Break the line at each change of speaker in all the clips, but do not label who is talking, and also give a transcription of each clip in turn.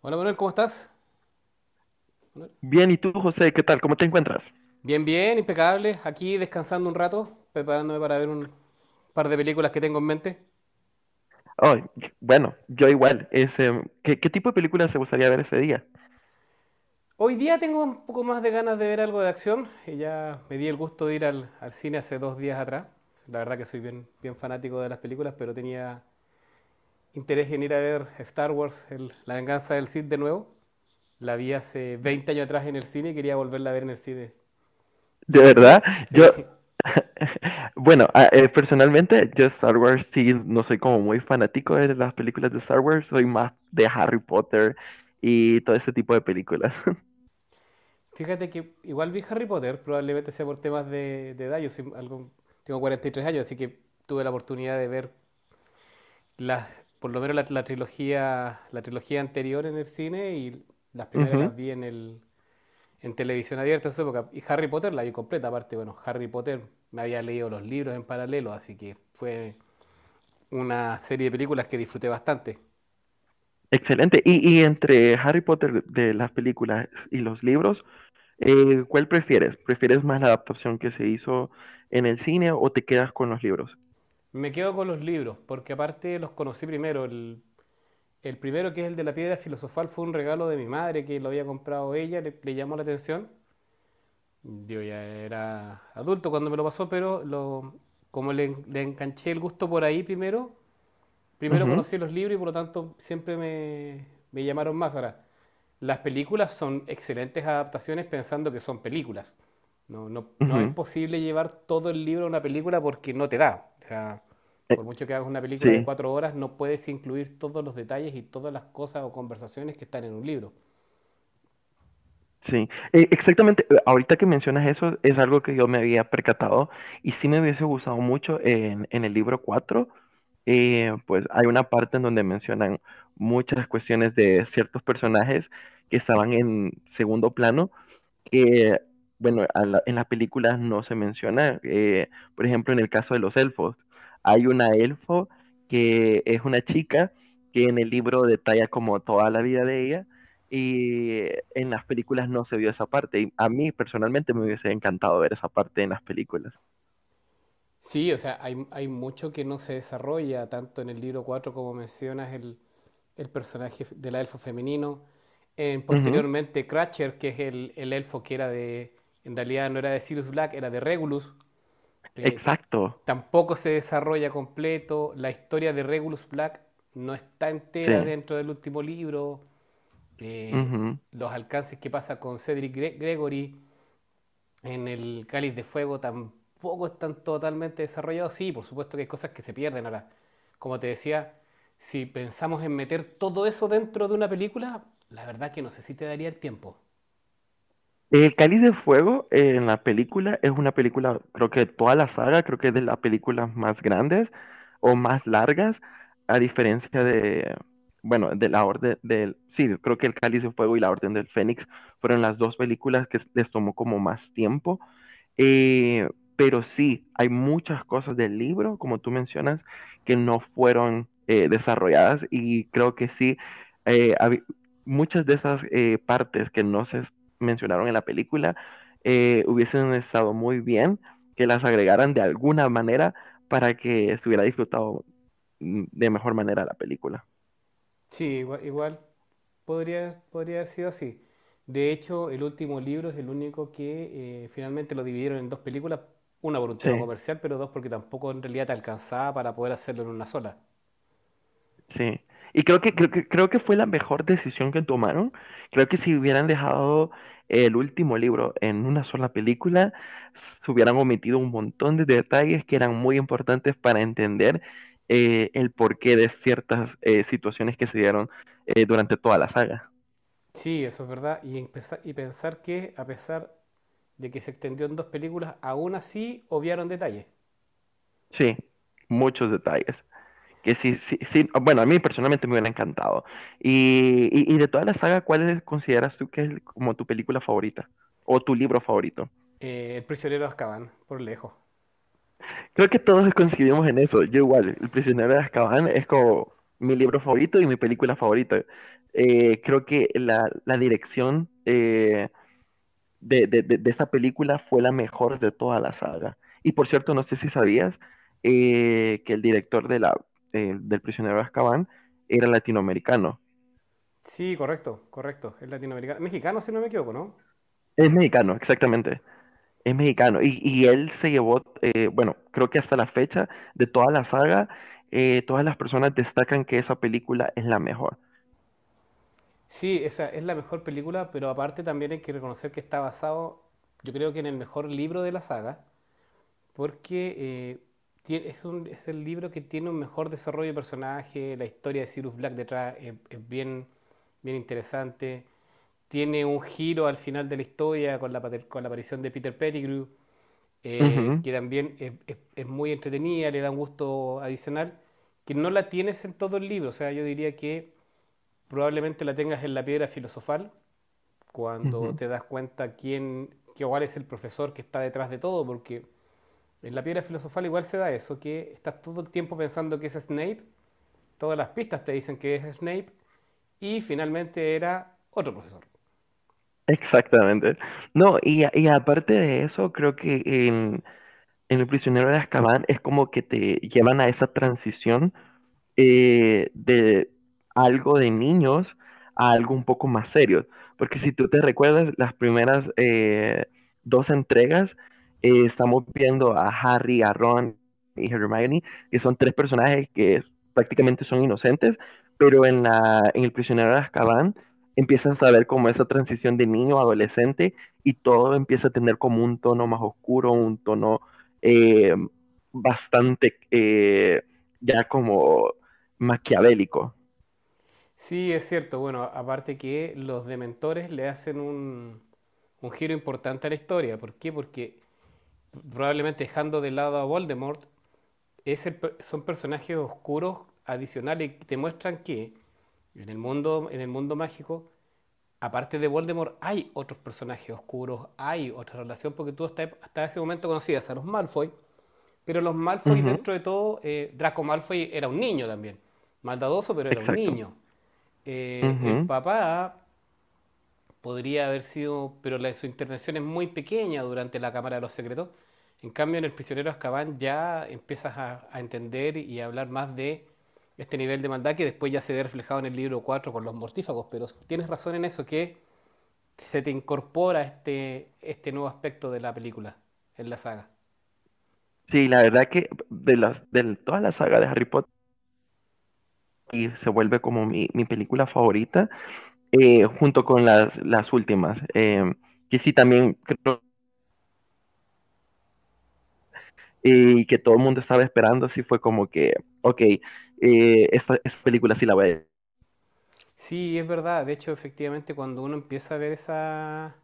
Hola Manuel, ¿cómo estás?
Bien, ¿y tú, José? ¿Qué tal? ¿Cómo te encuentras?
Bien, bien, impecable. Aquí descansando un rato, preparándome para ver un par de películas que tengo en mente.
Ay, bueno, yo igual. ¿Qué tipo de películas te gustaría ver ese día?
Hoy día tengo un poco más de ganas de ver algo de acción. Y Ya me di el gusto de ir al cine hace dos días atrás. La verdad que soy bien, bien fanático de las películas, pero tenía interés en ir a ver Star Wars, La venganza del Sith de nuevo. La vi hace 20 años atrás en el cine y quería volverla a ver en el cine. Y
De
hoy
verdad,
día, sí.
yo, bueno, personalmente, yo Star Wars sí, no soy como muy fanático de las películas de Star Wars, soy más de Harry Potter y todo ese tipo de películas.
Fíjate que igual vi Harry Potter, probablemente sea por temas de edad. Yo soy algo, tengo 43 años, así que tuve la oportunidad de ver las, por lo menos la trilogía, la trilogía anterior en el cine y las primeras
Ujú.
las vi en televisión abierta en su época. Y Harry Potter la vi completa, aparte, bueno, Harry Potter me había leído los libros en paralelo, así que fue una serie de películas que disfruté bastante.
Excelente. Y entre Harry Potter de las películas y los libros, ¿cuál prefieres? ¿Prefieres más la adaptación que se hizo en el cine o te quedas con los libros?
Me quedo con los libros, porque aparte los conocí primero. El primero, que es el de la piedra filosofal, fue un regalo de mi madre que lo había comprado ella, le llamó la atención. Yo ya era adulto cuando me lo pasó, pero como le enganché el gusto por ahí primero, primero conocí los libros y por lo tanto me llamaron más. Ahora, las películas son excelentes adaptaciones pensando que son películas. No es
Ujú.
posible llevar todo el libro a una película porque no te da. O sea,
eh,
por mucho que hagas una película de
sí,
4 horas, no puedes incluir todos los detalles y todas las cosas o conversaciones que están en un libro.
sí. Exactamente, ahorita que mencionas eso, es algo que yo me había percatado y sí me hubiese gustado mucho en el libro 4. Pues, hay una parte en donde mencionan muchas cuestiones de ciertos personajes que estaban en segundo plano, que, bueno, en las películas no se menciona. Por ejemplo, en el caso de los elfos, hay una elfo que es una chica que en el libro detalla como toda la vida de ella y en las películas no se vio esa parte. Y a mí personalmente me hubiese encantado ver esa parte en las películas.
Sí, o sea, hay mucho que no se desarrolla tanto en el libro 4 como mencionas el personaje del elfo femenino. En,
Ujú.
posteriormente, Cratcher, que es el elfo que era en realidad no era de Sirius Black, era de Regulus, eh,
Exacto,
tampoco se desarrolla completo, la historia de Regulus Black no está entera
sí.
dentro del último libro. eh,
Ujú.
los alcances que pasa con Gregory en el Cáliz de Fuego tampoco están totalmente desarrollados, sí, por supuesto que hay cosas que se pierden ahora, como te decía, si pensamos en meter todo eso dentro de una película, la verdad que no sé si te daría el tiempo.
El Cáliz de Fuego en la película es una película, creo que de toda la saga, creo que es de las películas más grandes o más largas, a diferencia de, bueno, de la Orden del, sí, creo que el Cáliz de Fuego y la Orden del Fénix fueron las dos películas que les tomó como más tiempo. eh, pero sí, hay muchas cosas del libro, como tú mencionas, que no fueron, desarrolladas, y creo que sí, habi muchas de esas, partes que no se mencionaron en la película, hubiesen estado muy bien que las agregaran de alguna manera para que se hubiera disfrutado, de mejor manera la película.
Sí, igual, igual podría haber sido así. De hecho, el último libro es el único que finalmente lo dividieron en dos películas, una por un tema
Sí.
comercial, pero dos porque tampoco en realidad te alcanzaba para poder hacerlo en una sola.
Sí. Y creo que fue la mejor decisión que tomaron. Creo que si hubieran dejado el último libro en una sola película, se hubieran omitido un montón de detalles que eran muy importantes para entender el porqué de ciertas situaciones que se dieron durante toda la saga.
Sí, eso es verdad. Y, y pensar que a pesar de que se extendió en dos películas, aún así obviaron detalles.
Sí, muchos detalles. Que sí, sí, sí, ah, bueno, a mí personalmente me hubiera encantado. Y de toda la saga, ¿cuál es- consideras tú que es como tu película favorita o tu libro favorito?
El prisionero de Azkaban, por lejos.
Creo que todos coincidimos en eso. Yo igual, El prisionero de Azkaban es como mi libro favorito y mi película favorita. Creo que la dirección de esa película fue la mejor de toda la saga. Y por cierto, no sé si sabías que el director de la, del prisionero de Azkaban era latinoamericano.
Sí, correcto, correcto. Es latinoamericano. Mexicano, si no me equivoco, ¿no?
Es mexicano, exactamente. Es mexicano. Y él se llevó, bueno, creo que hasta la fecha de toda la saga, todas las personas destacan que esa película es la mejor.
Sí, esa es la mejor película, pero aparte también hay que reconocer que está basado, yo creo que en el mejor libro de la saga, porque es el libro que tiene un mejor desarrollo de personaje, la historia de Cyrus Black detrás es bien, bien interesante, tiene un giro al final de la historia con con la aparición de Peter Pettigrew,
Ujú,
que también es muy entretenida, le da un gusto adicional, que no la tienes en todo el libro, o sea, yo diría que probablemente la tengas en la piedra filosofal cuando
ujú.
te das cuenta quién, que igual es el profesor que está detrás de todo, porque en la piedra filosofal igual se da eso, que estás todo el tiempo pensando que es Snape, todas las pistas te dicen que es Snape, y finalmente era otro profesor.
Exactamente. No, y aparte de eso, creo que en El prisionero de Azkaban es como que te llevan a esa transición de algo de niños a algo un poco más serio. Porque si tú te recuerdas, las primeras dos entregas estamos viendo a Harry, a Ron y Hermione, que son tres personajes que prácticamente son inocentes, pero en El prisionero de Azkaban empiezan a ver como esa transición de niño a adolescente y todo empieza a tener como un tono más oscuro, un tono eh, bastante, ya como maquiavélico.
Sí, es cierto, bueno, aparte que los dementores le hacen un giro importante a la historia, ¿por qué? Porque probablemente dejando de lado a Voldemort, son personajes oscuros adicionales que te muestran que en el mundo mágico aparte de Voldemort, hay otros personajes oscuros, hay otra relación, porque tú hasta ese momento conocías a los Malfoy, pero los Malfoy,
Ujú,
dentro de todo, Draco Malfoy era un niño también, maldadoso, pero era un
exacto.
niño. El
Ujú.
papá podría haber sido, pero su intervención es muy pequeña durante la Cámara de los Secretos. En cambio, en El prisionero de Azkaban ya empiezas a entender y a hablar más de este nivel de maldad que después ya se ve reflejado en el libro 4 con los mortífagos, pero tienes razón en eso que se te incorpora este nuevo aspecto de la película en la saga.
Sí, la verdad que de las de toda la saga de Harry Potter y se vuelve como mi película favorita, junto con las últimas, que sí también creo, que todo el mundo estaba esperando, sí fue como que, okey, esta película sí la voy a ver.
Sí, es verdad. De hecho, efectivamente, cuando uno empieza a ver esa,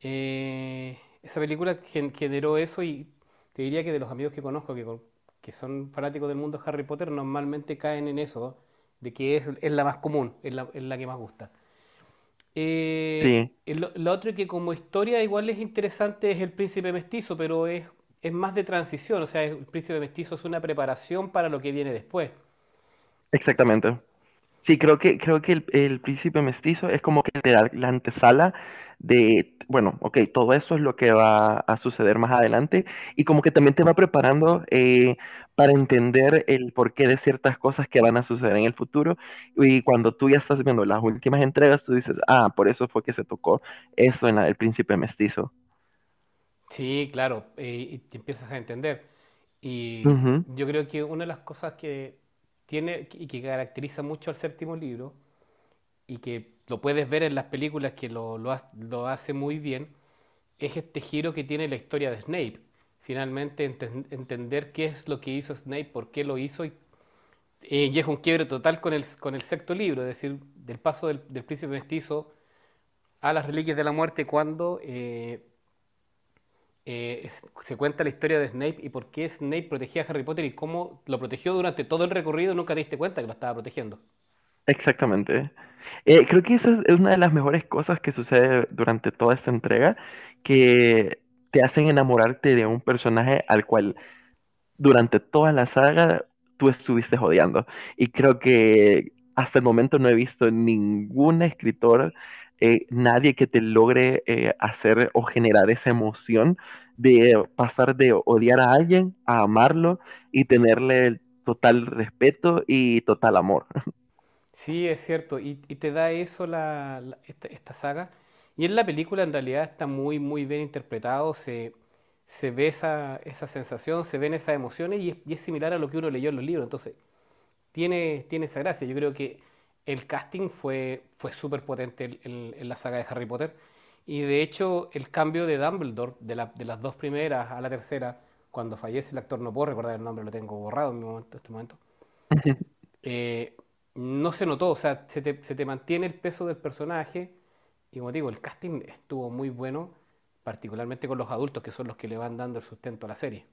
eh, esa película, generó eso y te diría que de los amigos que conozco que son fanáticos del mundo Harry Potter, normalmente caen en eso, de que es la más común, es la que más gusta.
Sí,
Lo otro que como historia igual es interesante es el príncipe mestizo, pero es más de transición, o sea, el príncipe mestizo es una preparación para lo que viene después.
exactamente. Sí, creo que el príncipe mestizo es como que te da la antesala de, bueno, ok, todo eso es lo que va a suceder más adelante y como que también te va preparando para entender el porqué de ciertas cosas que van a suceder en el futuro y cuando tú ya estás viendo las últimas entregas, tú dices, ah, por eso fue que se tocó eso en la del príncipe mestizo.
Sí, claro, y te empiezas a entender. Y
Ujú.
yo creo que una de las cosas que tiene y que caracteriza mucho al séptimo libro, y que lo puedes ver en las películas que lo hace muy bien, es este giro que tiene la historia de Snape. Finalmente entender qué es lo que hizo Snape, por qué lo hizo y es un quiebre total con con el sexto libro, es decir, del paso del príncipe mestizo a las reliquias de la muerte cuando se cuenta la historia de Snape y por qué Snape protegía a Harry Potter y cómo lo protegió durante todo el recorrido, nunca te diste cuenta que lo estaba protegiendo.
Exactamente. Creo que esa es una de las mejores cosas que sucede durante toda esta entrega, que te hacen enamorarte de un personaje al cual durante toda la saga tú estuviste odiando. Y creo que hasta el momento no he visto ningún escritor, nadie que te logre hacer o generar esa emoción de pasar de odiar a alguien a amarlo y tenerle el total respeto y total amor.
Sí, es cierto, y te da eso esta saga. Y en la película en realidad está muy, muy bien interpretado, se ve esa sensación, se ven esas emociones y y es similar a lo que uno leyó en los libros. Entonces, tiene esa gracia. Yo creo que el casting fue súper potente la saga de Harry Potter. Y de hecho, el cambio de Dumbledore, de las dos primeras a la tercera, cuando fallece el actor, no puedo recordar el nombre, lo tengo borrado en este momento, eh, no se notó, o sea, se te mantiene el peso del personaje. Y como te digo, el casting estuvo muy bueno, particularmente con los adultos, que son los que le van dando el sustento a la serie.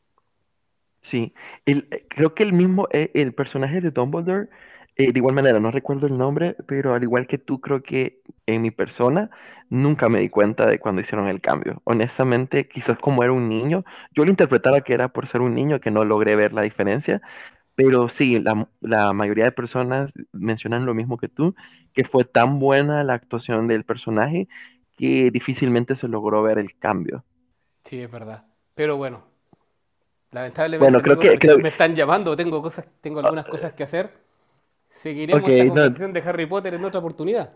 Sí, el, creo que el mismo, el personaje de Dumbledore, de igual manera, no recuerdo el nombre, pero al igual que tú, creo que en mi persona nunca me di cuenta de cuando hicieron el cambio. Honestamente, quizás como era un niño, yo lo interpretaba que era por ser un niño que no logré ver la diferencia, pero sí, la mayoría de personas mencionan lo mismo que tú, que fue tan buena la actuación del personaje que difícilmente se logró ver el cambio.
Sí, es verdad. Pero bueno, lamentablemente,
Bueno, creo
amigos,
que, creo,
me están llamando, tengo cosas, tengo algunas
o-
cosas que hacer.
ok,
Seguiremos esta
no,
conversación de Harry Potter en otra oportunidad.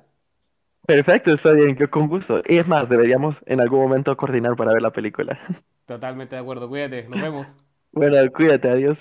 perfecto, está bien, yo con gusto. Y es más, deberíamos en algún momento coordinar para ver la película.
Totalmente de acuerdo, cuídate, nos vemos.
Bueno, cuídate, adiós.